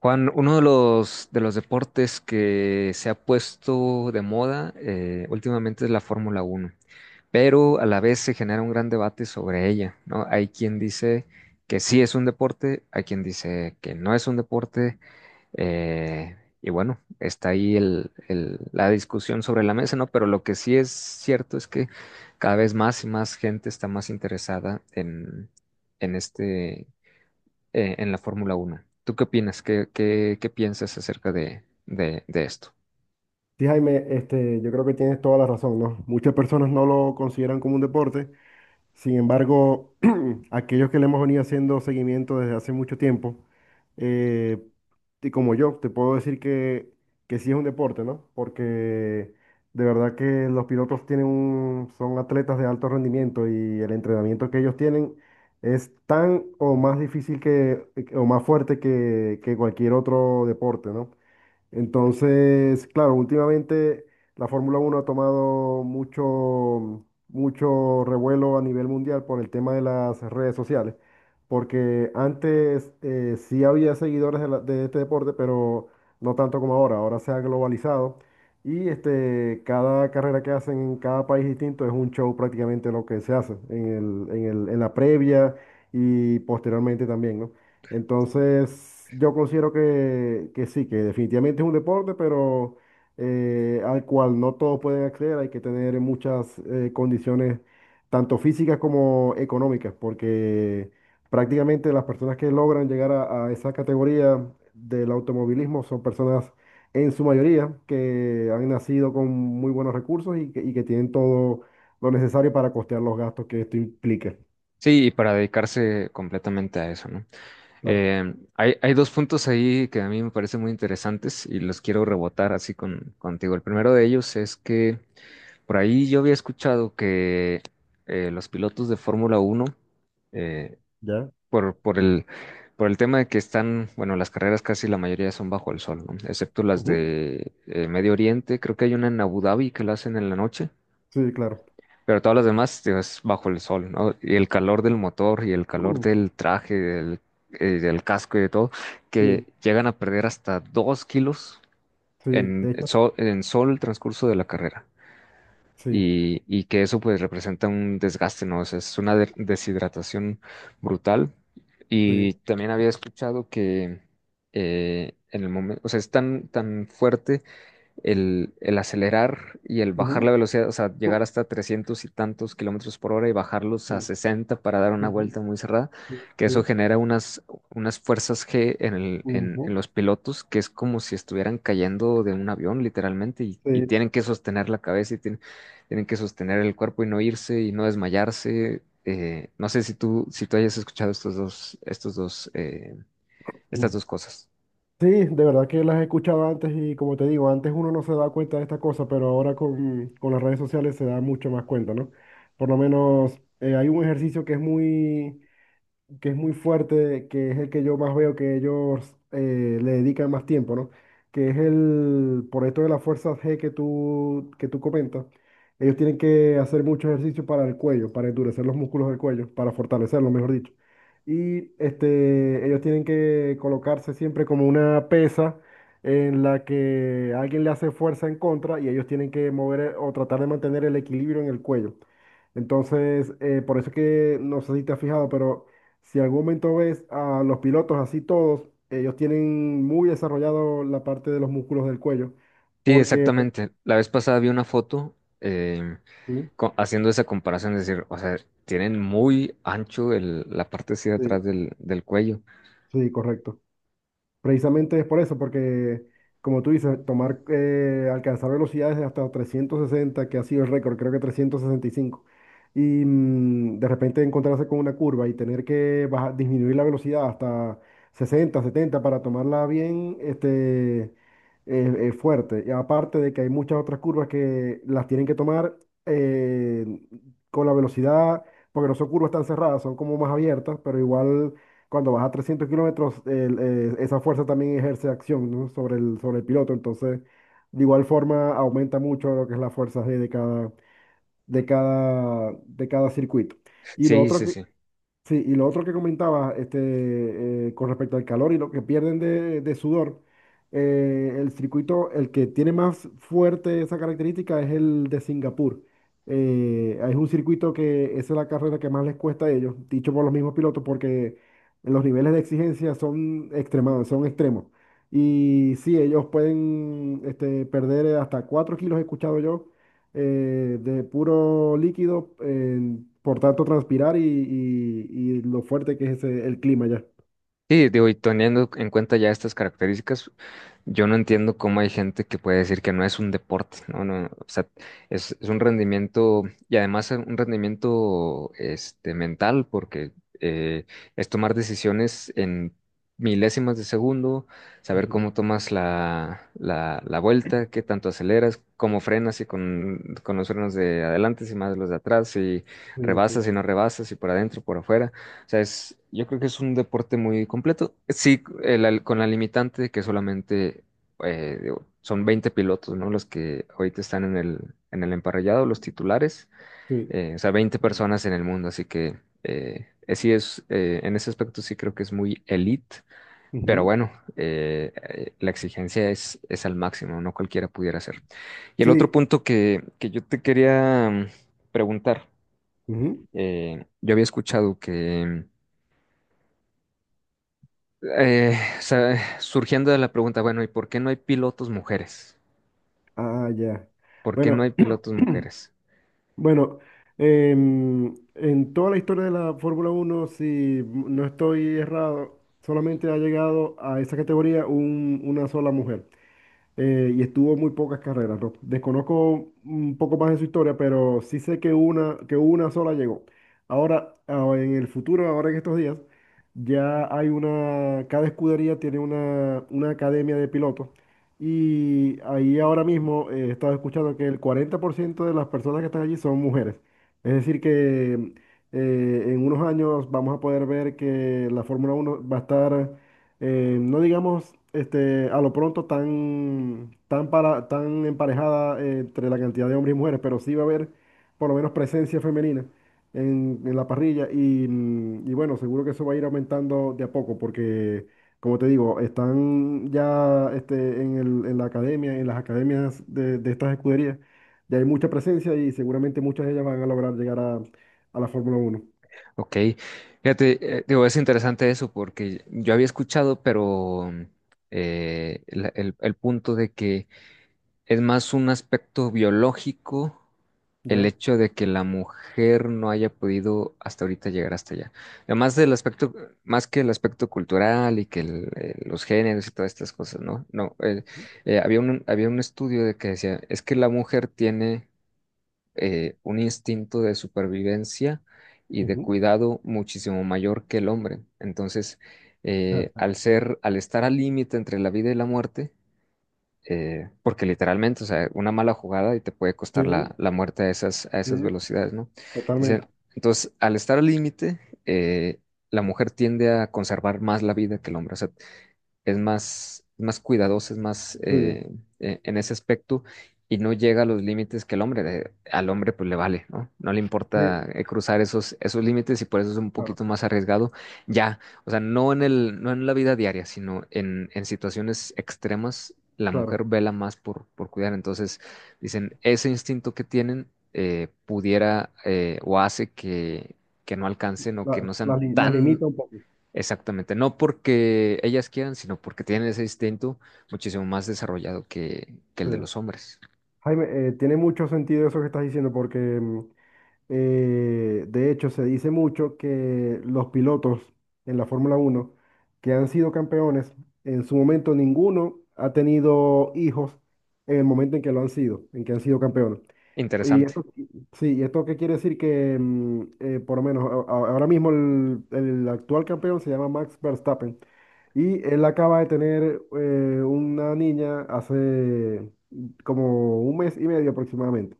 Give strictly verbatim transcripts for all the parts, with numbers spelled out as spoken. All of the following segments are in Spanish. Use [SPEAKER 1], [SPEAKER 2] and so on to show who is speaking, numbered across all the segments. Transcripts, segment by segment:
[SPEAKER 1] Juan, uno de los, de los deportes que se ha puesto de moda eh, últimamente es la Fórmula Uno, pero a la vez se genera un gran debate sobre ella, ¿no? Hay quien dice que sí es un deporte, hay quien dice que no es un deporte. Eh, y bueno, está ahí el- el- la discusión sobre la mesa, ¿no? Pero lo que sí es cierto es que cada vez más y más gente está más interesada en, en este eh, en la Fórmula Uno. ¿Tú qué opinas? ¿Qué, qué, qué piensas acerca de, de- de esto?
[SPEAKER 2] Sí, Jaime, este, yo creo que tienes toda la razón, ¿no? Muchas personas no lo consideran como un deporte. Sin embargo, aquellos que le hemos venido haciendo seguimiento desde hace mucho tiempo, eh, y como yo, te puedo decir que, que sí es un deporte, ¿no? Porque de verdad que los pilotos tienen un, son atletas de alto rendimiento, y el entrenamiento que ellos tienen es tan o más difícil que, o más fuerte que, que cualquier otro deporte, ¿no? Entonces, claro, últimamente la Fórmula Uno ha tomado mucho, mucho revuelo a nivel mundial por el tema de las redes sociales, porque antes eh, sí había seguidores de, la- de este deporte, pero no tanto como ahora. Ahora se ha globalizado, y este, cada carrera que hacen en cada país distinto es un show prácticamente lo que se hace en el- en el- en la previa y posteriormente también, ¿no? Entonces, yo considero que, que sí, que definitivamente es un deporte, pero eh, al cual no todos pueden acceder. Hay que tener muchas eh, condiciones, tanto físicas como económicas, porque prácticamente las personas que logran llegar a, a esa categoría del automovilismo son personas en su mayoría que han nacido con muy buenos recursos, y que, y que tienen todo lo necesario para costear los gastos que esto implica.
[SPEAKER 1] Sí, y para dedicarse completamente a eso, ¿no?
[SPEAKER 2] Claro.
[SPEAKER 1] Eh, hay, hay dos puntos ahí que a mí me parecen muy interesantes y los quiero rebotar así con, contigo. El primero de ellos es que por ahí yo había escuchado que eh, los pilotos de Fórmula Uno eh,
[SPEAKER 2] ¿Ya?
[SPEAKER 1] por, por el, por el tema de que están, bueno, las carreras casi la mayoría son bajo el sol, ¿no? Excepto las
[SPEAKER 2] Ujú.
[SPEAKER 1] de eh, Medio Oriente, creo que hay una en Abu Dhabi que la hacen en la noche,
[SPEAKER 2] Sí, claro.
[SPEAKER 1] pero todas las demás digo, es bajo el sol, ¿no? Y el calor del motor y el calor del traje, del, eh, del casco y de todo, que
[SPEAKER 2] Sí,
[SPEAKER 1] llegan a perder hasta dos kilos
[SPEAKER 2] sí,
[SPEAKER 1] en
[SPEAKER 2] de hecho,
[SPEAKER 1] sol, en sol el transcurso de la carrera.
[SPEAKER 2] sí,
[SPEAKER 1] Y, y que eso pues representa un desgaste, ¿no? O sea, es una de- deshidratación brutal
[SPEAKER 2] sí.
[SPEAKER 1] y también había escuchado que eh, en el momento, o sea, es tan, tan fuerte el, el acelerar y el bajar la
[SPEAKER 2] Ujú.
[SPEAKER 1] velocidad, o sea, llegar hasta trescientos y tantos kilómetros por hora y bajarlos a
[SPEAKER 2] Sí.
[SPEAKER 1] sesenta para dar una
[SPEAKER 2] Ujú.
[SPEAKER 1] vuelta muy cerrada,
[SPEAKER 2] Sí,
[SPEAKER 1] que eso
[SPEAKER 2] sí.
[SPEAKER 1] genera unas, unas fuerzas G en el- en- en
[SPEAKER 2] Ujú.
[SPEAKER 1] los pilotos, que es como si estuvieran cayendo de un avión, literalmente, y, y
[SPEAKER 2] Sí.
[SPEAKER 1] tienen que sostener la cabeza y tienen, tienen que sostener el cuerpo y no irse y no desmayarse. Eh, no sé si tú, si tú hayas escuchado estos dos, estos dos, eh, estas dos cosas.
[SPEAKER 2] Sí, de verdad que las he escuchado antes, y como te digo, antes uno no se da cuenta de esta cosa, pero ahora con, con las redes sociales se da mucho más cuenta, ¿no? Por lo menos eh, hay un ejercicio que es muy, que es muy fuerte, que es el que yo más veo que ellos eh, le dedican más tiempo, ¿no? Que es el, por esto de la fuerza G que tú, que tú comentas, ellos tienen que hacer mucho ejercicio para el cuello, para endurecer los músculos del cuello, para fortalecerlo, mejor dicho. Y este, ellos tienen que colocarse siempre como una pesa en la que alguien le hace fuerza en contra, y ellos tienen que mover, eh, o tratar de mantener el equilibrio en el cuello. Entonces, eh, por eso es que no sé si te has fijado, pero si en algún momento ves a los pilotos así todos, ellos tienen muy desarrollado la parte de los músculos del cuello,
[SPEAKER 1] Sí,
[SPEAKER 2] porque...
[SPEAKER 1] exactamente. La vez pasada vi una foto. eh,
[SPEAKER 2] Sí,
[SPEAKER 1] co- haciendo esa comparación, es decir, o sea, tienen muy ancho el- la parte así de
[SPEAKER 2] sí,
[SPEAKER 1] atrás del, del cuello.
[SPEAKER 2] sí, correcto. Precisamente es por eso, porque como tú dices, tomar, eh, alcanzar velocidades de hasta trescientos sesenta, que ha sido el récord, creo que trescientos sesenta y cinco, y mm, de repente encontrarse con una curva y tener que baja- disminuir la velocidad hasta sesenta, setenta para tomarla bien, este, eh, eh, fuerte. Y aparte de que hay muchas otras curvas que las tienen que tomar eh, con la velocidad, porque no son curvas tan cerradas, son como más abiertas, pero igual cuando vas a trescientos kilómetros, el, eh, esa fuerza también ejerce acción, ¿no?, sobre el, sobre el piloto. Entonces, de igual forma, aumenta mucho lo que es la fuerza G de cada, de cada, de cada circuito. Y lo
[SPEAKER 1] Sí,
[SPEAKER 2] otro,
[SPEAKER 1] sí,
[SPEAKER 2] que-
[SPEAKER 1] sí.
[SPEAKER 2] Sí, y lo otro que comentaba, este, eh, con respecto al calor y lo que pierden de, de sudor, eh, el circuito, el que tiene más fuerte esa característica es el de Singapur. Eh, es un circuito que esa es la carrera que más les cuesta a ellos, dicho por los mismos pilotos, porque los niveles de exigencia son extremados, son extremos. Y sí, ellos pueden, este, perder hasta cuatro kilos, he escuchado yo, eh, de puro líquido, en- por tanto transpirar y, y- y lo fuerte que es ese- el clima ya.
[SPEAKER 1] Sí, digo, y teniendo en cuenta ya estas características, yo no entiendo cómo hay gente que puede decir que no es un deporte, no, no, o sea, es, es un rendimiento y además es un rendimiento este, mental, porque eh, es tomar decisiones en milésimas de segundo, saber
[SPEAKER 2] Ujú.
[SPEAKER 1] cómo tomas la, la, la vuelta, qué tanto aceleras, cómo frenas y con, con los frenos de adelante, si más los de atrás, si
[SPEAKER 2] Sí, sí,
[SPEAKER 1] rebasas, y no rebasas, si por adentro, por afuera. O sea, es, yo creo que es un deporte muy completo. Sí, el al- con la limitante de que solamente eh, digo, son veinte pilotos, ¿no? Los que ahorita están en el, en el emparrillado, los titulares.
[SPEAKER 2] sí.
[SPEAKER 1] Eh, o sea, veinte
[SPEAKER 2] Sí.
[SPEAKER 1] personas en el mundo, así que eh, eh, sí es, eh, en ese aspecto sí creo que es muy elite. Pero
[SPEAKER 2] Ujú.
[SPEAKER 1] bueno, eh, eh, la exigencia es, es al máximo, no cualquiera pudiera hacer. Y el otro
[SPEAKER 2] Sí.
[SPEAKER 1] punto que, que yo te quería mm, preguntar,
[SPEAKER 2] Ujú.
[SPEAKER 1] eh, yo había escuchado que Eh, o sea, surgiendo de la pregunta, bueno, ¿y por qué no hay pilotos mujeres?
[SPEAKER 2] Ah, ya.
[SPEAKER 1] ¿Por qué no
[SPEAKER 2] Bueno,
[SPEAKER 1] hay pilotos mujeres?
[SPEAKER 2] bueno, em, en toda la historia de la Fórmula Uno, si m- no estoy errado, solamente ha llegado a esa categoría un- una sola mujer. Eh, y estuvo muy pocas carreras, ¿no? Desconozco un poco más de su historia, pero sí sé que una, que una sola llegó. Ahora, ah, en el futuro, ahora en estos días, ya hay una, cada escudería tiene una, una academia de pilotos. Y ahí ahora mismo eh, he estado escuchando que el cuarenta por ciento de las personas que están allí son mujeres. Es decir, que eh, en unos años vamos a poder ver que la Fórmula uno va a estar eh, no digamos, este, a lo pronto tan, tan, para, tan emparejada eh, entre la cantidad de hombres y mujeres, pero sí va a haber por lo menos presencia femenina en, en la parrilla, y, mm, y bueno, seguro que eso va a ir aumentando de a poco, porque, como te digo, están ya, este, en el- en la academia, en las academias de, de estas escuderías, ya hay mucha presencia, y seguramente muchas de ellas van a lograr llegar a, a la Fórmula uno.
[SPEAKER 1] Ok, fíjate, eh, digo, es interesante eso porque yo había escuchado, pero eh, la- el, el punto de que es más un aspecto biológico el
[SPEAKER 2] ¿Ya?
[SPEAKER 1] hecho de que la mujer no haya podido hasta ahorita llegar hasta allá. Además del aspecto, más que el aspecto cultural y que el- eh, los géneros y todas estas cosas, ¿no? No, eh, eh, había un, había un estudio de que decía, es que la mujer tiene eh, un instinto de supervivencia y de
[SPEAKER 2] Ujú.
[SPEAKER 1] cuidado muchísimo mayor que el hombre. Entonces, eh, al ser, al estar al límite entre la vida y la muerte, eh, porque literalmente, o sea, una mala jugada y te puede
[SPEAKER 2] Sí,
[SPEAKER 1] costar la, la muerte a esas, a esas
[SPEAKER 2] sí,
[SPEAKER 1] velocidades, ¿no?
[SPEAKER 2] totalmente.
[SPEAKER 1] Dicen, entonces, al estar al límite, eh, la mujer tiende a conservar más la vida que el hombre. O sea, es más, más cuidadoso, es más,
[SPEAKER 2] Sí.
[SPEAKER 1] eh, e- en ese aspecto y no llega a los límites que el hombre. Eh, al hombre pues le vale, ¿no? No le
[SPEAKER 2] Sí,
[SPEAKER 1] importa eh, cruzar esos, esos límites y por eso es un
[SPEAKER 2] claro,
[SPEAKER 1] poquito más arriesgado ya, o sea, no en el, no en la vida diaria, sino en, en situaciones extremas, la
[SPEAKER 2] claro.
[SPEAKER 1] mujer vela más por, por cuidar, entonces dicen, ese instinto que tienen eh, pudiera, eh, o hace que... que no alcancen o
[SPEAKER 2] La,
[SPEAKER 1] que no sean
[SPEAKER 2] la li- la
[SPEAKER 1] tan.
[SPEAKER 2] limita un poco.
[SPEAKER 1] Exactamente, no porque ellas quieran, sino porque tienen ese instinto muchísimo más desarrollado que, que el
[SPEAKER 2] Sí.
[SPEAKER 1] de los hombres.
[SPEAKER 2] Jaime, eh, tiene mucho sentido eso que estás diciendo, porque mm, Eh, de hecho, se dice mucho que los pilotos en la Fórmula Uno que han sido campeones, en su momento ninguno ha tenido hijos en el momento en que lo han sido, en que han sido campeones. Y
[SPEAKER 1] Interesante.
[SPEAKER 2] esto, sí, ¿y esto qué quiere decir? Que mm, eh, por lo menos a- a- ahora mismo el, el actual campeón se llama Max Verstappen, y él acaba de tener eh, una niña hace como un mes y medio aproximadamente.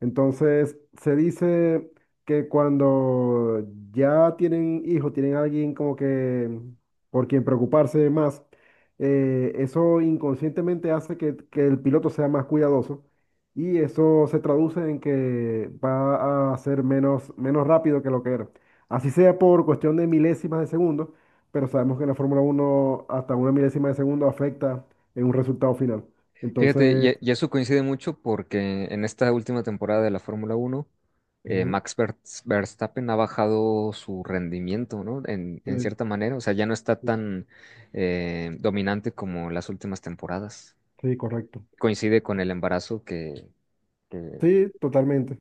[SPEAKER 2] Entonces, se dice que cuando ya tienen hijos, tienen alguien como que por quien preocuparse más, eh, eso inconscientemente hace que, que, el piloto sea más cuidadoso, y eso se traduce en que va a ser menos, menos rápido que lo que era. Así sea por cuestión de milésimas de segundo, pero sabemos que en la Fórmula uno hasta una milésima de segundo afecta en un resultado final.
[SPEAKER 1] Fíjate, y,
[SPEAKER 2] Entonces...
[SPEAKER 1] e, y eso coincide mucho porque en esta última temporada de la Fórmula Uno, eh,
[SPEAKER 2] Ujú.
[SPEAKER 1] Max Ver- Verstappen ha bajado su rendimiento, ¿no? En, en
[SPEAKER 2] Sí,
[SPEAKER 1] cierta manera, o sea, ya no está
[SPEAKER 2] sí,
[SPEAKER 1] tan eh, dominante como las últimas temporadas.
[SPEAKER 2] sí, correcto.
[SPEAKER 1] Coincide con el embarazo que, que-
[SPEAKER 2] Sí, totalmente,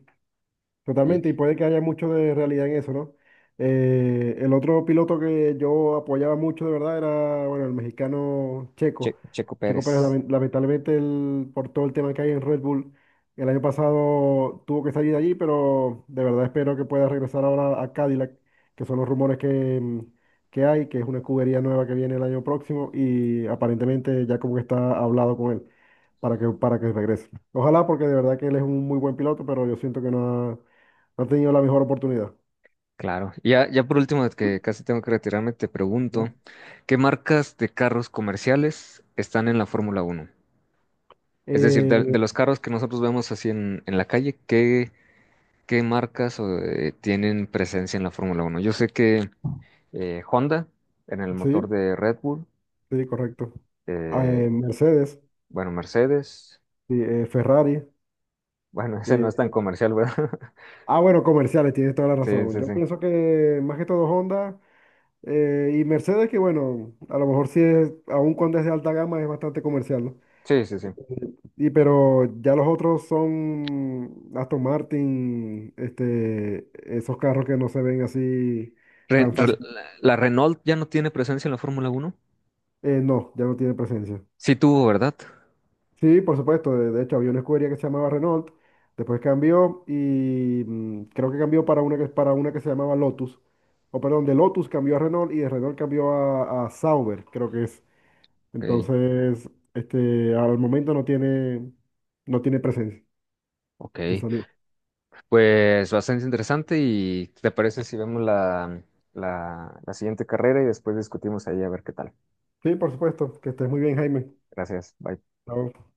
[SPEAKER 1] y
[SPEAKER 2] totalmente, y puede que haya mucho de realidad en eso, ¿no? Eh, el otro piloto que yo apoyaba mucho de verdad era, bueno, el mexicano Checo.
[SPEAKER 1] Che- Checo
[SPEAKER 2] Checo Pérez,
[SPEAKER 1] Pérez.
[SPEAKER 2] lamen- lamentablemente, el- por todo el tema que hay en Red Bull, el año pasado tuvo que salir de allí, pero de verdad espero que pueda regresar ahora a Cadillac, que son los rumores que, mm, que hay, que es una escudería nueva que viene el año próximo, y aparentemente ya como que está hablado con él para que, para que, regrese. Ojalá, porque de verdad que él es un muy buen piloto, pero yo siento que no ha, no ha tenido la mejor oportunidad.
[SPEAKER 1] Claro. Y ya, ya por último, que casi tengo que retirarme, te
[SPEAKER 2] ¿Ya?
[SPEAKER 1] pregunto, ¿qué marcas de carros comerciales están en la Fórmula Uno? Es decir, de,
[SPEAKER 2] Eh,
[SPEAKER 1] de los carros que nosotros vemos así en, en la calle, ¿qué, qué marcas o, eh, tienen presencia en la Fórmula Uno? Yo sé que eh, Honda, en el motor
[SPEAKER 2] sí,
[SPEAKER 1] de Red Bull,
[SPEAKER 2] sí, correcto. Ah,
[SPEAKER 1] eh,
[SPEAKER 2] eh, Mercedes,
[SPEAKER 1] bueno, Mercedes,
[SPEAKER 2] sí, eh, Ferrari.
[SPEAKER 1] bueno, ese no es
[SPEAKER 2] eh,
[SPEAKER 1] tan comercial, ¿verdad?
[SPEAKER 2] ah, bueno, comerciales, tienes toda la
[SPEAKER 1] Sí,
[SPEAKER 2] razón.
[SPEAKER 1] sí,
[SPEAKER 2] Yo
[SPEAKER 1] sí.
[SPEAKER 2] pienso que más que todo Honda eh, y Mercedes, que bueno, a lo mejor sí es, aún cuando es de alta gama, es bastante comercial, ¿no?
[SPEAKER 1] Sí, sí, sí.
[SPEAKER 2] Y pero ya los otros son Aston Martin, este, esos carros que no se ven así
[SPEAKER 1] Re-
[SPEAKER 2] tan fácil.
[SPEAKER 1] re- la Renault ya no tiene presencia en la Fórmula Uno.
[SPEAKER 2] Eh, no, ya no tiene presencia.
[SPEAKER 1] Sí tuvo, ¿verdad?
[SPEAKER 2] Sí, por supuesto. De, de hecho, había una escudería que se llamaba Renault, después cambió, y mm, creo que cambió para una que, para una que, se llamaba Lotus. O perdón, de Lotus cambió a Renault, y de Renault cambió a, a Sauber, creo que es.
[SPEAKER 1] Ok,
[SPEAKER 2] Entonces, este, al momento no tiene, no tiene, presencia,
[SPEAKER 1] ok.
[SPEAKER 2] que salió.
[SPEAKER 1] Pues bastante interesante y ¿te parece si vemos la, la, la siguiente carrera y después discutimos ahí a ver qué tal?
[SPEAKER 2] Sí, por supuesto. Que estés muy bien, Jaime.
[SPEAKER 1] Gracias, bye.
[SPEAKER 2] Ok,